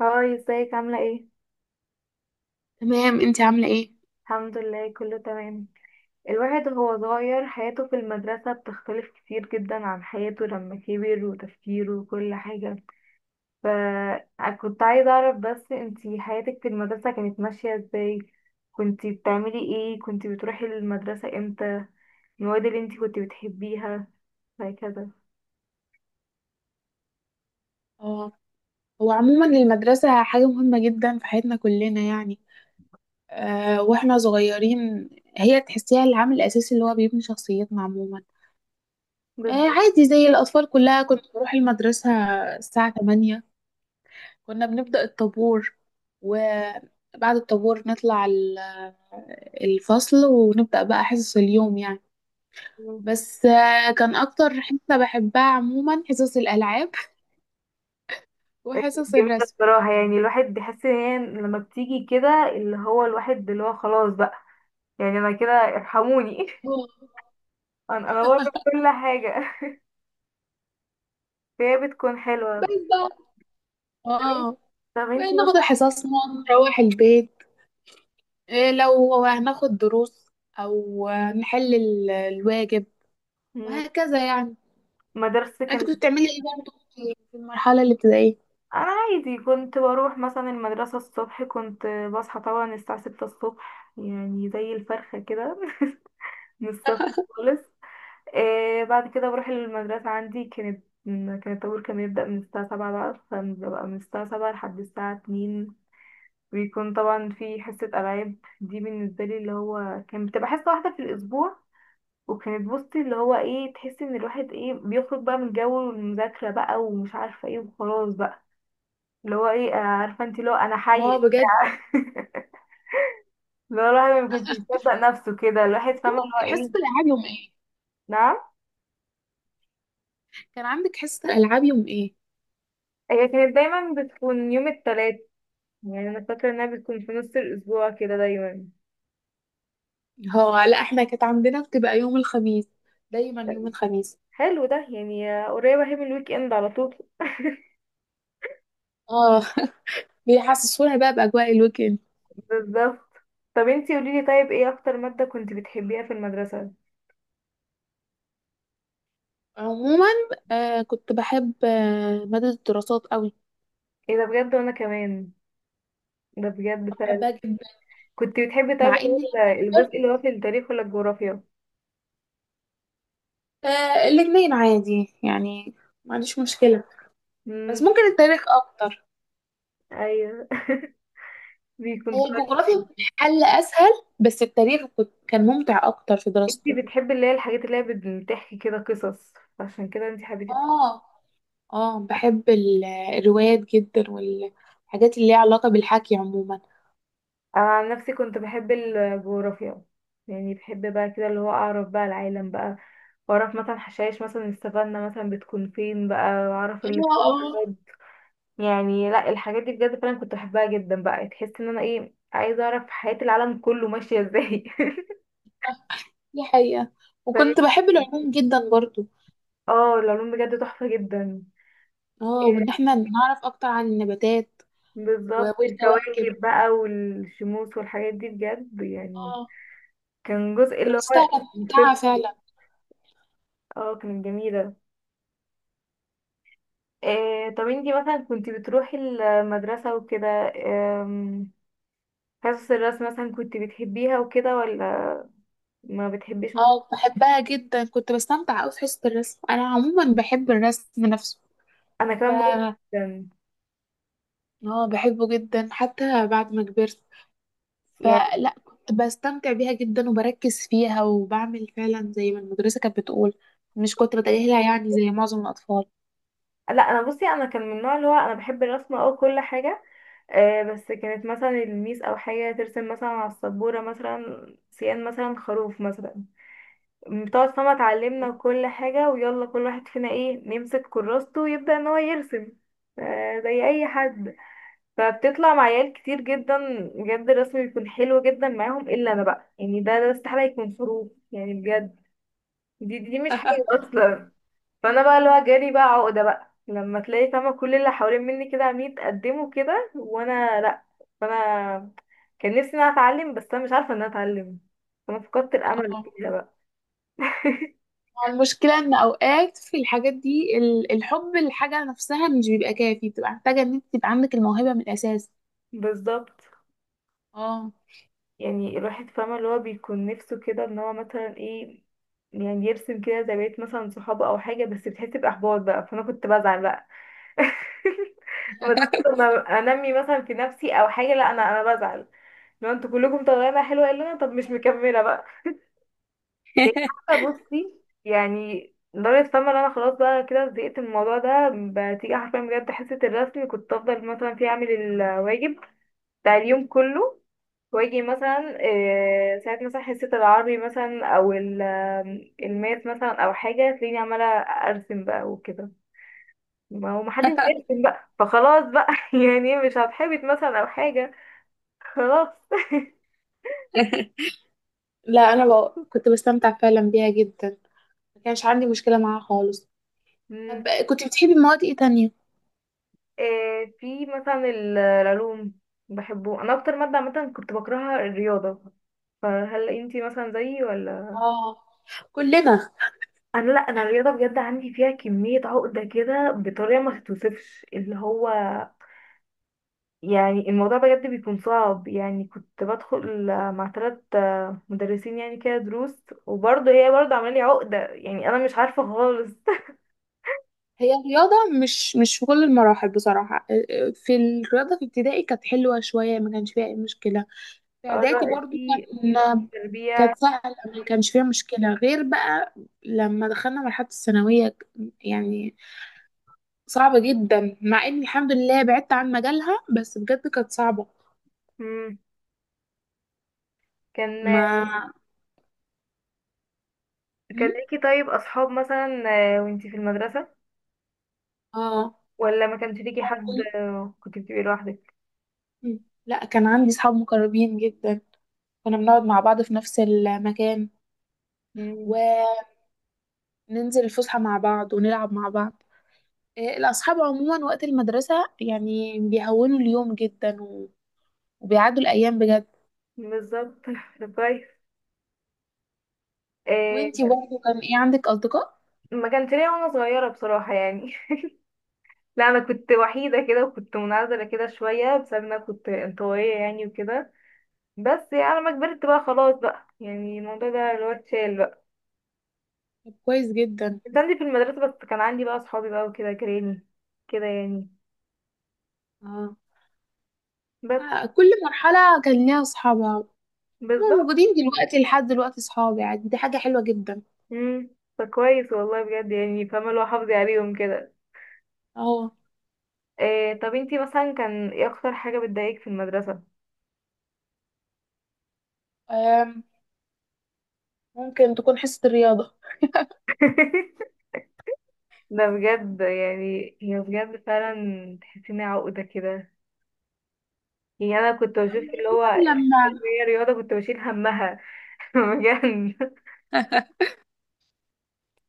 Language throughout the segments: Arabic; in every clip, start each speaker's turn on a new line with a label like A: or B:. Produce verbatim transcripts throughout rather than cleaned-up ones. A: هاي، ازيك؟ عاملة ايه؟
B: تمام انتي عاملة ايه؟
A: الحمد لله، كله تمام. الواحد وهو صغير حياته في المدرسة بتختلف كتير جدا عن حياته لما كبر، وتفكيره وكل حاجة. فكنت عايزة اعرف بس انتي حياتك في المدرسة كانت ماشية ازاي؟ كنتي بتعملي ايه؟ كنتي بتروحي المدرسة امتى؟ المواد اللي انتي كنتي بتحبيها وهكذا.
B: اه. هو عموما المدرسة حاجة مهمة جدا في حياتنا كلنا يعني. آه واحنا صغيرين. هي تحسيها العامل الأساسي اللي هو بيبني شخصيتنا عموما. آه
A: بالظبط.
B: عادي زي الأطفال كلها، كنت بروح المدرسة الساعة تمانية. كنا بنبدأ الطابور، وبعد الطابور نطلع ال- الفصل ونبدأ بقى حصص اليوم يعني. بس آه كان أكتر حصة بحبها عموما حصص الألعاب وحصص
A: جميلة
B: الرسم.
A: بصراحة، يعني الواحد بيحس ان هي لما بتيجي كده اللي هو الواحد اللي هو خلاص بقى، يعني انا كده ارحموني
B: اه.
A: انا انا بره كل حاجه. فهي بتكون
B: بس
A: حلوه.
B: بقى،
A: طب انت-
B: اه
A: طب انتي
B: وناخد
A: مثلا،
B: حصصنا، نروح البيت، إيه لو هناخد دروس او نحل ال- الواجب
A: مم،
B: وهكذا يعني.
A: مدرستك
B: انت
A: كانت
B: كنت
A: إيه؟
B: بتعملي ايه برضه في في المرحله الابتدائيه؟
A: انا عادي كنت بروح مثلا المدرسه الصبح، كنت بصحى طبعا الساعه ستة الصبح، يعني زي الفرخه كده. من الصبح خالص. آه، بعد كده بروح المدرسه، عندي كانت كان الطابور كان بيبدا من الساعه سبعة بقى، فببقى من الساعه سبعة لحد الساعه اتنين. بيكون طبعا في حصه العاب، دي بالنسبه لي اللي هو كان بتبقى حصه واحده في الاسبوع. وكانت بصي اللي هو ايه، تحسي ان الواحد ايه بيخرج بقى من جو المذاكرة بقى ومش عارفة ايه وخلاص بقى اللي هو ايه، آه، عارفة انت اللي هو انا حي.
B: اه بجد.
A: اللي هو الواحد ما كنت يصدق نفسه كده، الواحد فاهمة اللي هو
B: حصه
A: ايه.
B: الالعاب يوم ايه؟
A: نعم.
B: كان عندك حصه العاب يوم ايه؟
A: هي كانت دايما بتكون يوم التلات، يعني انا فاكرة انها بتكون في نص الاسبوع كده دايما.
B: هو لا، احنا كانت عندنا بتبقى يوم الخميس، دايما يوم الخميس.
A: حلو ده، يعني آه، قريبة اهي من الويك اند على طول.
B: اه بيحسسونا بقى باجواء الويكند.
A: بالظبط. طب انتي قوليلي، طيب ايه اكتر مادة كنت بتحبيها في المدرسة؟
B: عموما آه كنت بحب آه ماده الدراسات قوي.
A: ايه ده بجد؟ وانا كمان، ده بجد.
B: بحبها جدا.
A: كنت بتحبي طيب
B: مع
A: اللي
B: اني
A: هو الجزء اللي هو في التاريخ ولا الجغرافيا؟
B: آه الاتنين عادي يعني، ما عنديش مشكلة، بس
A: امم،
B: ممكن التاريخ أكتر.
A: ايوه. بيكون
B: هي الجغرافيا
A: كويس.
B: كانت حل أسهل، بس التاريخ كنت كان ممتع أكتر في
A: انتي
B: دراسته.
A: بتحبي اللي هي الحاجات اللي هي بت- بتحكي كده قصص، عشان كده انتي حبيتي.
B: اه. اه، بحب ال- الروايات جدا والحاجات اللي ليها علاقة بالحكي عموما.
A: انا عن نفسي كنت بحب الجغرافيا، يعني بحب بقى كده اللي هو اعرف بقى العالم بقى، واعرف مثلا حشائش مثلا السفنة مثلا بتكون فين بقى واعرف
B: اه.
A: ال،
B: اه،
A: يعني لا، الحاجات دي بجد فعلا كنت بحبها جدا بقى، تحس ان انا ايه عايزه اعرف حياة العالم كله ماشية ازاي.
B: دي حقيقة. وكنت بحب العلوم جدا برضو.
A: اه، العلوم بجد تحفة جدا.
B: اه، وإن احنا نعرف أكتر عن النباتات و-
A: بالظبط،
B: والكواكب.
A: الكواكب بقى والشموس والحاجات دي بجد يعني.
B: اه،
A: كان جزء اللي
B: دراستها
A: هو
B: كانت ممتعة
A: الفيزياء،
B: فعلا.
A: اه كانت جميلة. إيه طب انتي مثلا كنتي بتروحي المدرسة وكده، آم، حصص الرسم مثلا كنتي بتحبيها وكده ولا ما بتحبيش مثلا؟
B: اه، بحبها جدا، كنت بستمتع أوي في حصة الرسم، أنا عموما بحب الرسم نفسه.
A: انا
B: ف
A: كمان برضه، جدا.
B: اه، بحبه جدا حتى بعد ما كبرت.
A: يعني
B: فلا كنت بستمتع بيها جدا وبركز فيها وبعمل فعلا زي ما المدرسة كانت بتقول، مش كنت بتجاهلها يعني زي معظم الأطفال.
A: لا، انا بصي انا كان من النوع اللي هو انا بحب الرسم او كل حاجة. آه، بس كانت مثلا الميس او حاجه ترسم مثلا على السبوره مثلا سيان مثلا خروف مثلا بتقعد، فما اتعلمنا كل حاجه ويلا كل واحد فينا ايه نمسك كراسته ويبدا ان هو يرسم، آه زي اي حد. فبتطلع مع عيال كتير جدا بجد الرسم بيكون حلو جدا معاهم، الا انا بقى يعني ده ده استحاله يكون خروف يعني، بجد دي دي مش حلو اصلا. فانا بقى اللي هو جالي بقى عقده بقى لما تلاقي فاهمه كل اللي حوالين مني كده عاملين يتقدموا كده وانا لا. فانا كان نفسي ان انا اتعلم، بس انا مش عارفه ان انا اتعلم، فانا فقدت الامل
B: اه،
A: كده بقى.
B: هو المشكلة إن أوقات في الحاجات دي، ال- الحب للحاجة نفسها مش بيبقى كافي، بتبقى محتاجة إن أنت تبقى عندك الموهبة من الأساس.
A: بالظبط.
B: اه.
A: يعني الواحد فاهمه اللي هو بيكون نفسه كده ان هو مثلا ايه، يعني يرسم كده زي بقية مثلا صحابه او حاجه، بس بتحس باحباط بقى فانا كنت بزعل بقى. بدأت لما انمي مثلا في نفسي او حاجه، لا انا انا بزعل. لو انتوا كلكم طالعين حلوه الا انا، طب مش مكمله بقى. يعني حتى بصي، يعني لدرجة فاهمة ان انا خلاص بقى كده زهقت من الموضوع ده. بتيجي حرفيا بجد حصة الرسم كنت افضل مثلا فيه اعمل الواجب بتاع اليوم كله، واجي مثلا آه، ساعات مثلا حصة العربي مثلا او ال- آم، الماس مثلا او حاجة تلاقيني عمالة ارسم بقى وكده. ما هو محدش بيرسم بقى، فخلاص بقى يعني مش هتحبط مثلا او حاجة، خلاص.
B: لا، أنا بق- كنت بستمتع فعلا بيها جدا، ما كانش عندي مشكلة معاها خالص. طب كنت بتحبي مواد ايه تانية؟
A: آه، في مثلا ال- العلوم بحبه انا، اكتر ماده عامه كنت بكرهها الرياضه، فهل انتي مثلا زيي ولا؟
B: اه، كلنا.
A: انا لا، انا الرياضه بجد عندي فيها كميه عقده كده بطريقه ما تتوصفش، اللي هو يعني الموضوع بجد بيكون صعب، يعني كنت بدخل مع ثلاث مدرسين يعني كده دروس، وبرضه هي برضه عامله لي عقده يعني، انا مش عارفه خالص.
B: هي الرياضة مش مش في كل المراحل بصراحة، آه، آه، في الرياضة في ابتدائي كانت حلوة شوية، ما كانش فيها أي مشكلة. في
A: اللي
B: إعدادي
A: هو
B: برضو
A: في في
B: كان
A: تربيه،
B: كانت سهلة، ما كانش فيها مشكلة، غير بقى لما دخلنا مرحلة الثانوية يعني صعبة جدا. مع إني الحمد لله بعدت عن مجالها، بس بجد كانت صعبة.
A: مم. كان
B: ما
A: كان
B: م?
A: ليكي طيب اصحاب مثلا آه، وانتي في المدرسة،
B: اه،
A: ولا ما كانش ليكي حد آه، كنت بتبقي لوحدك؟
B: لا، كان عندي صحاب مقربين جدا، كنا بنقعد مع بعض في نفس المكان،
A: مم،
B: وننزل الفسحة مع بعض ونلعب مع بعض. إيه، الأصحاب عموما وقت المدرسة يعني بيهونوا اليوم جدا، و- وبيعدوا الأيام بجد.
A: بالظبط. طب كويس. آه،
B: وانتي برضه كان ايه عندك أصدقاء؟
A: ما كانش ليا وانا صغيرة بصراحة يعني. لا، انا كنت وحيدة كده وكنت منعزلة كده شوية بسبب إن انا كنت انطوائية يعني وكده. بس يعني لما كبرت بقى خلاص بقى، يعني الموضوع ده اللي هو اتشال بقى.
B: طب كويس جدا.
A: كنت عندي في المدرسة بس، كان عندي بقى اصحابي بقى وكده جيراني كده يعني.
B: اه.
A: بس
B: آه، كل مرحلة كان ليها أصحابها. هما
A: بالظبط.
B: موجودين دلوقتي لحد دلوقتي، أصحابي يعني، دي حاجة حلوة جدا.
A: امم، فكويس والله بجد، يعني فاهمة اللي هو حافظي عليهم كده.
B: اه.
A: إيه طب انتي مثلا، كان ايه اكتر حاجة بتضايقك في المدرسة؟
B: آم، ممكن تكون حصة الرياضة،
A: ده بجد، يعني هي بجد فعلا تحسي انها عقدة كده. يعني انا كنت
B: أو
A: بشوف اللي هو
B: عموماً
A: اللي
B: لما
A: هي رياضة كنت بشيل همها. بجد.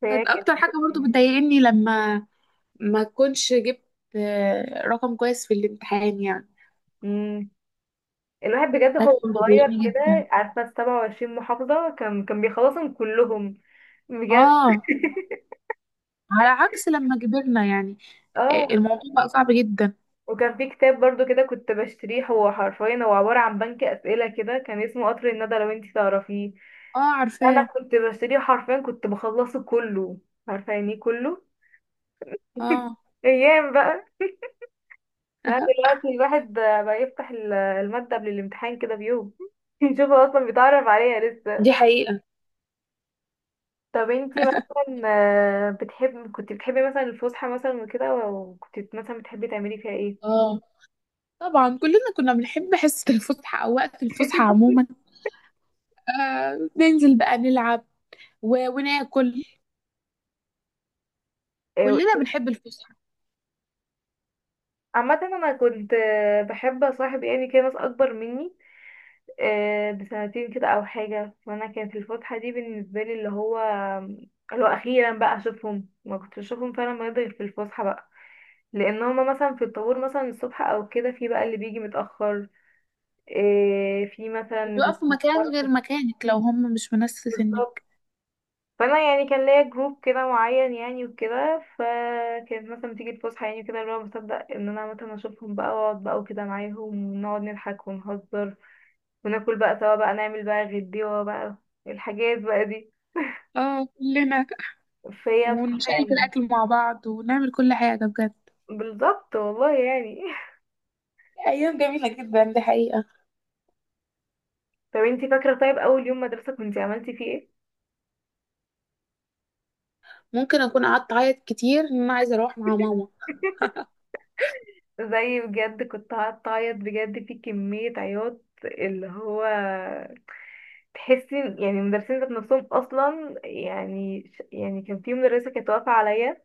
A: فهي
B: كانت
A: كانت،
B: أكتر حاجة برضه بتضايقني لما ما كنتش جبت آه، رقم كويس في الامتحان يعني.
A: مم. الواحد بجد
B: ده
A: هو
B: كان
A: صغير
B: بيضايقني
A: كده،
B: جدا.
A: عارفة السبعة وعشرين محافظة كان كان بيخلصهم كلهم. بجد.
B: اه، على عكس لما كبرنا يعني، آه،
A: اه،
B: الموضوع بقى صعب جدا.
A: وكان في كتاب برضو كده كنت بشتريه، هو حرفيا هو عبارة عن بنك أسئلة كده، كان اسمه قطر الندى، لو انتي تعرفيه.
B: اه،
A: انا
B: عارفاه.
A: كنت بشتريه حرفيا، كنت بخلصه كله، عارفه يعني إيه كله.
B: اه
A: ايام بقى. لا دلوقتي الواحد بقى بقى يفتح ال- المادة قبل الامتحان كده بيوم يشوف هو اصلا بيتعرف عليها لسه.
B: دي حقيقة.
A: طب انتي مثلا آه، بتحب كنت بتحبي مثلا الفسحة مثلا وكده، وكنت مثلا بتحبي تعملي فيها ايه؟
B: اه، طبعا كلنا كنا بنحب حصة الفسحة أو وقت الفسحة عموما. آه ننزل بقى نلعب و... وناكل.
A: آه،
B: كلنا بنحب الفسحة.
A: عامة انا كنت آه، بحب اصاحب يعني كده ناس اكبر مني آه، بسنتين كده او حاجه، وانا كانت الفتحه دي بالنسبه لي اللي هو اللي هو اخيرا بقى اشوفهم، ما كنتش اشوفهم فعلا بجد غير في الفسحه بقى، لان هما مثلا في الطابور مثلا الصبح او كده في بقى اللي بيجي متاخر آه، في مثلا اللي
B: وبيقفوا مكان غير
A: بيتأخر.
B: مكانك لو هم مش من نفس
A: بالظبط.
B: سنك.
A: فانا يعني كان ليا جروب كده معين يعني وكده، فكانت مثلا بتيجي الفسحه يعني كده اللي هو بصدق ان انا مثلا اشوفهم بقى واقعد بقى وكده معاهم، ونقعد نضحك ونهزر، وناكل بقى سوا بقى نعمل بقى غديوه بقى الحاجات بقى دي.
B: اه، كلنا،
A: فهي بصراحة
B: ونشارك
A: يعني،
B: الأكل مع بعض ونعمل كل حاجة بجد.
A: بالظبط والله يعني.
B: ايام جميله جدا، دي حقيقه.
A: طب انتي فاكرة طيب أول يوم مدرسة كنتي عملتي فيه ايه؟
B: ممكن اكون قعدت اعيط كتير ان انا عايزه اروح مع ماما.
A: زي بجد كنت هتعيط بجد في كمية عياط، اللي هو تحسي يعني المدرسين ذات نفسهم أصلا، يعني ش- يعني كان في مدرسة كانت واقفة عليا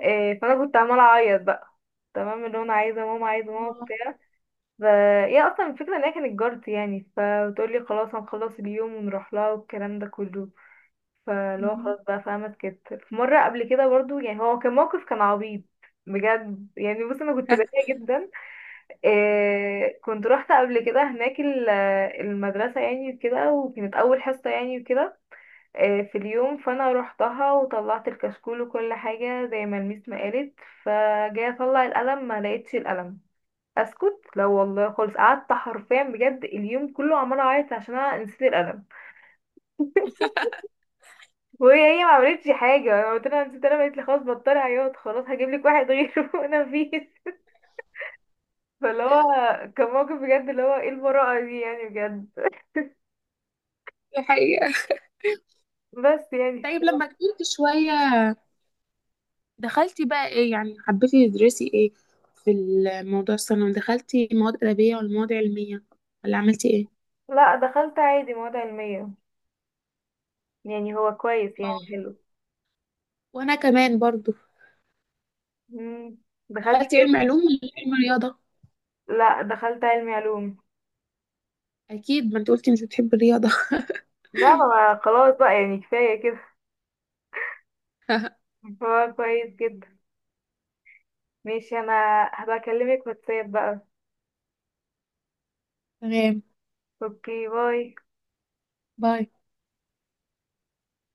A: آه، فأنا كنت عمالة أعيط بقى، تمام اللي هو أنا عايزة ماما عايزة ماما وبتاع. ف، هي أصلا الفكرة إن هي كانت جارتي يعني، فبتقولي خلاص هنخلص اليوم ونروح لها والكلام ده كله. فاللي هو
B: مم.
A: خلاص بقى فاهمة اتكتر في مرة قبل كده برضو، يعني هو كان موقف كان عبيط بجد، يعني بص انا كنت بريئة جدا. إيه كنت رحت قبل كده هناك ال- المدرسة يعني وكده، وكانت أول حصة يعني وكده. إيه في اليوم، فأنا روحتها وطلعت الكشكول وكل حاجة زي ما الميس ما قالت، فجاي أطلع القلم ما لقيتش القلم. أسكت لا والله خالص، قعدت حرفيا بجد اليوم كله عمالة أعيط عشان أنا نسيت القلم. وهي ما عملتش حاجه، انا قلت لها نسيت، انا قالت لي خلاص بطلي عياط خلاص هجيب لك واحد غيره وانا مفيش. فاللي هو كان موقف بجد اللي هو ايه المرأة دي يعني، بجد.
B: دي حقيقه.
A: بس يعني ف...
B: طيب لما كبرت شويه دخلتي بقى ايه، يعني حبيتي تدرسي ايه؟ في الموضوع الثانوي دخلتي مواد ادبيه ولا مواد علميه؟ ولا عملتي ايه؟
A: لا دخلت عادي مواد علمية، يعني هو كويس يعني
B: آه.
A: حلو.
B: وانا كمان برضو.
A: مم. دخلت،
B: دخلتي علم علوم ولا علم رياضه؟
A: لا دخلت علمي علوم،
B: اكيد، ما انت قلتي مش بتحبي الرياضه.
A: لا ما، خلاص بقى يعني كفاية كده. هو كويس جدا. ماشي انا هبقى اكلمك واتساب بقى.
B: تمام.
A: اوكي باي.
B: باي.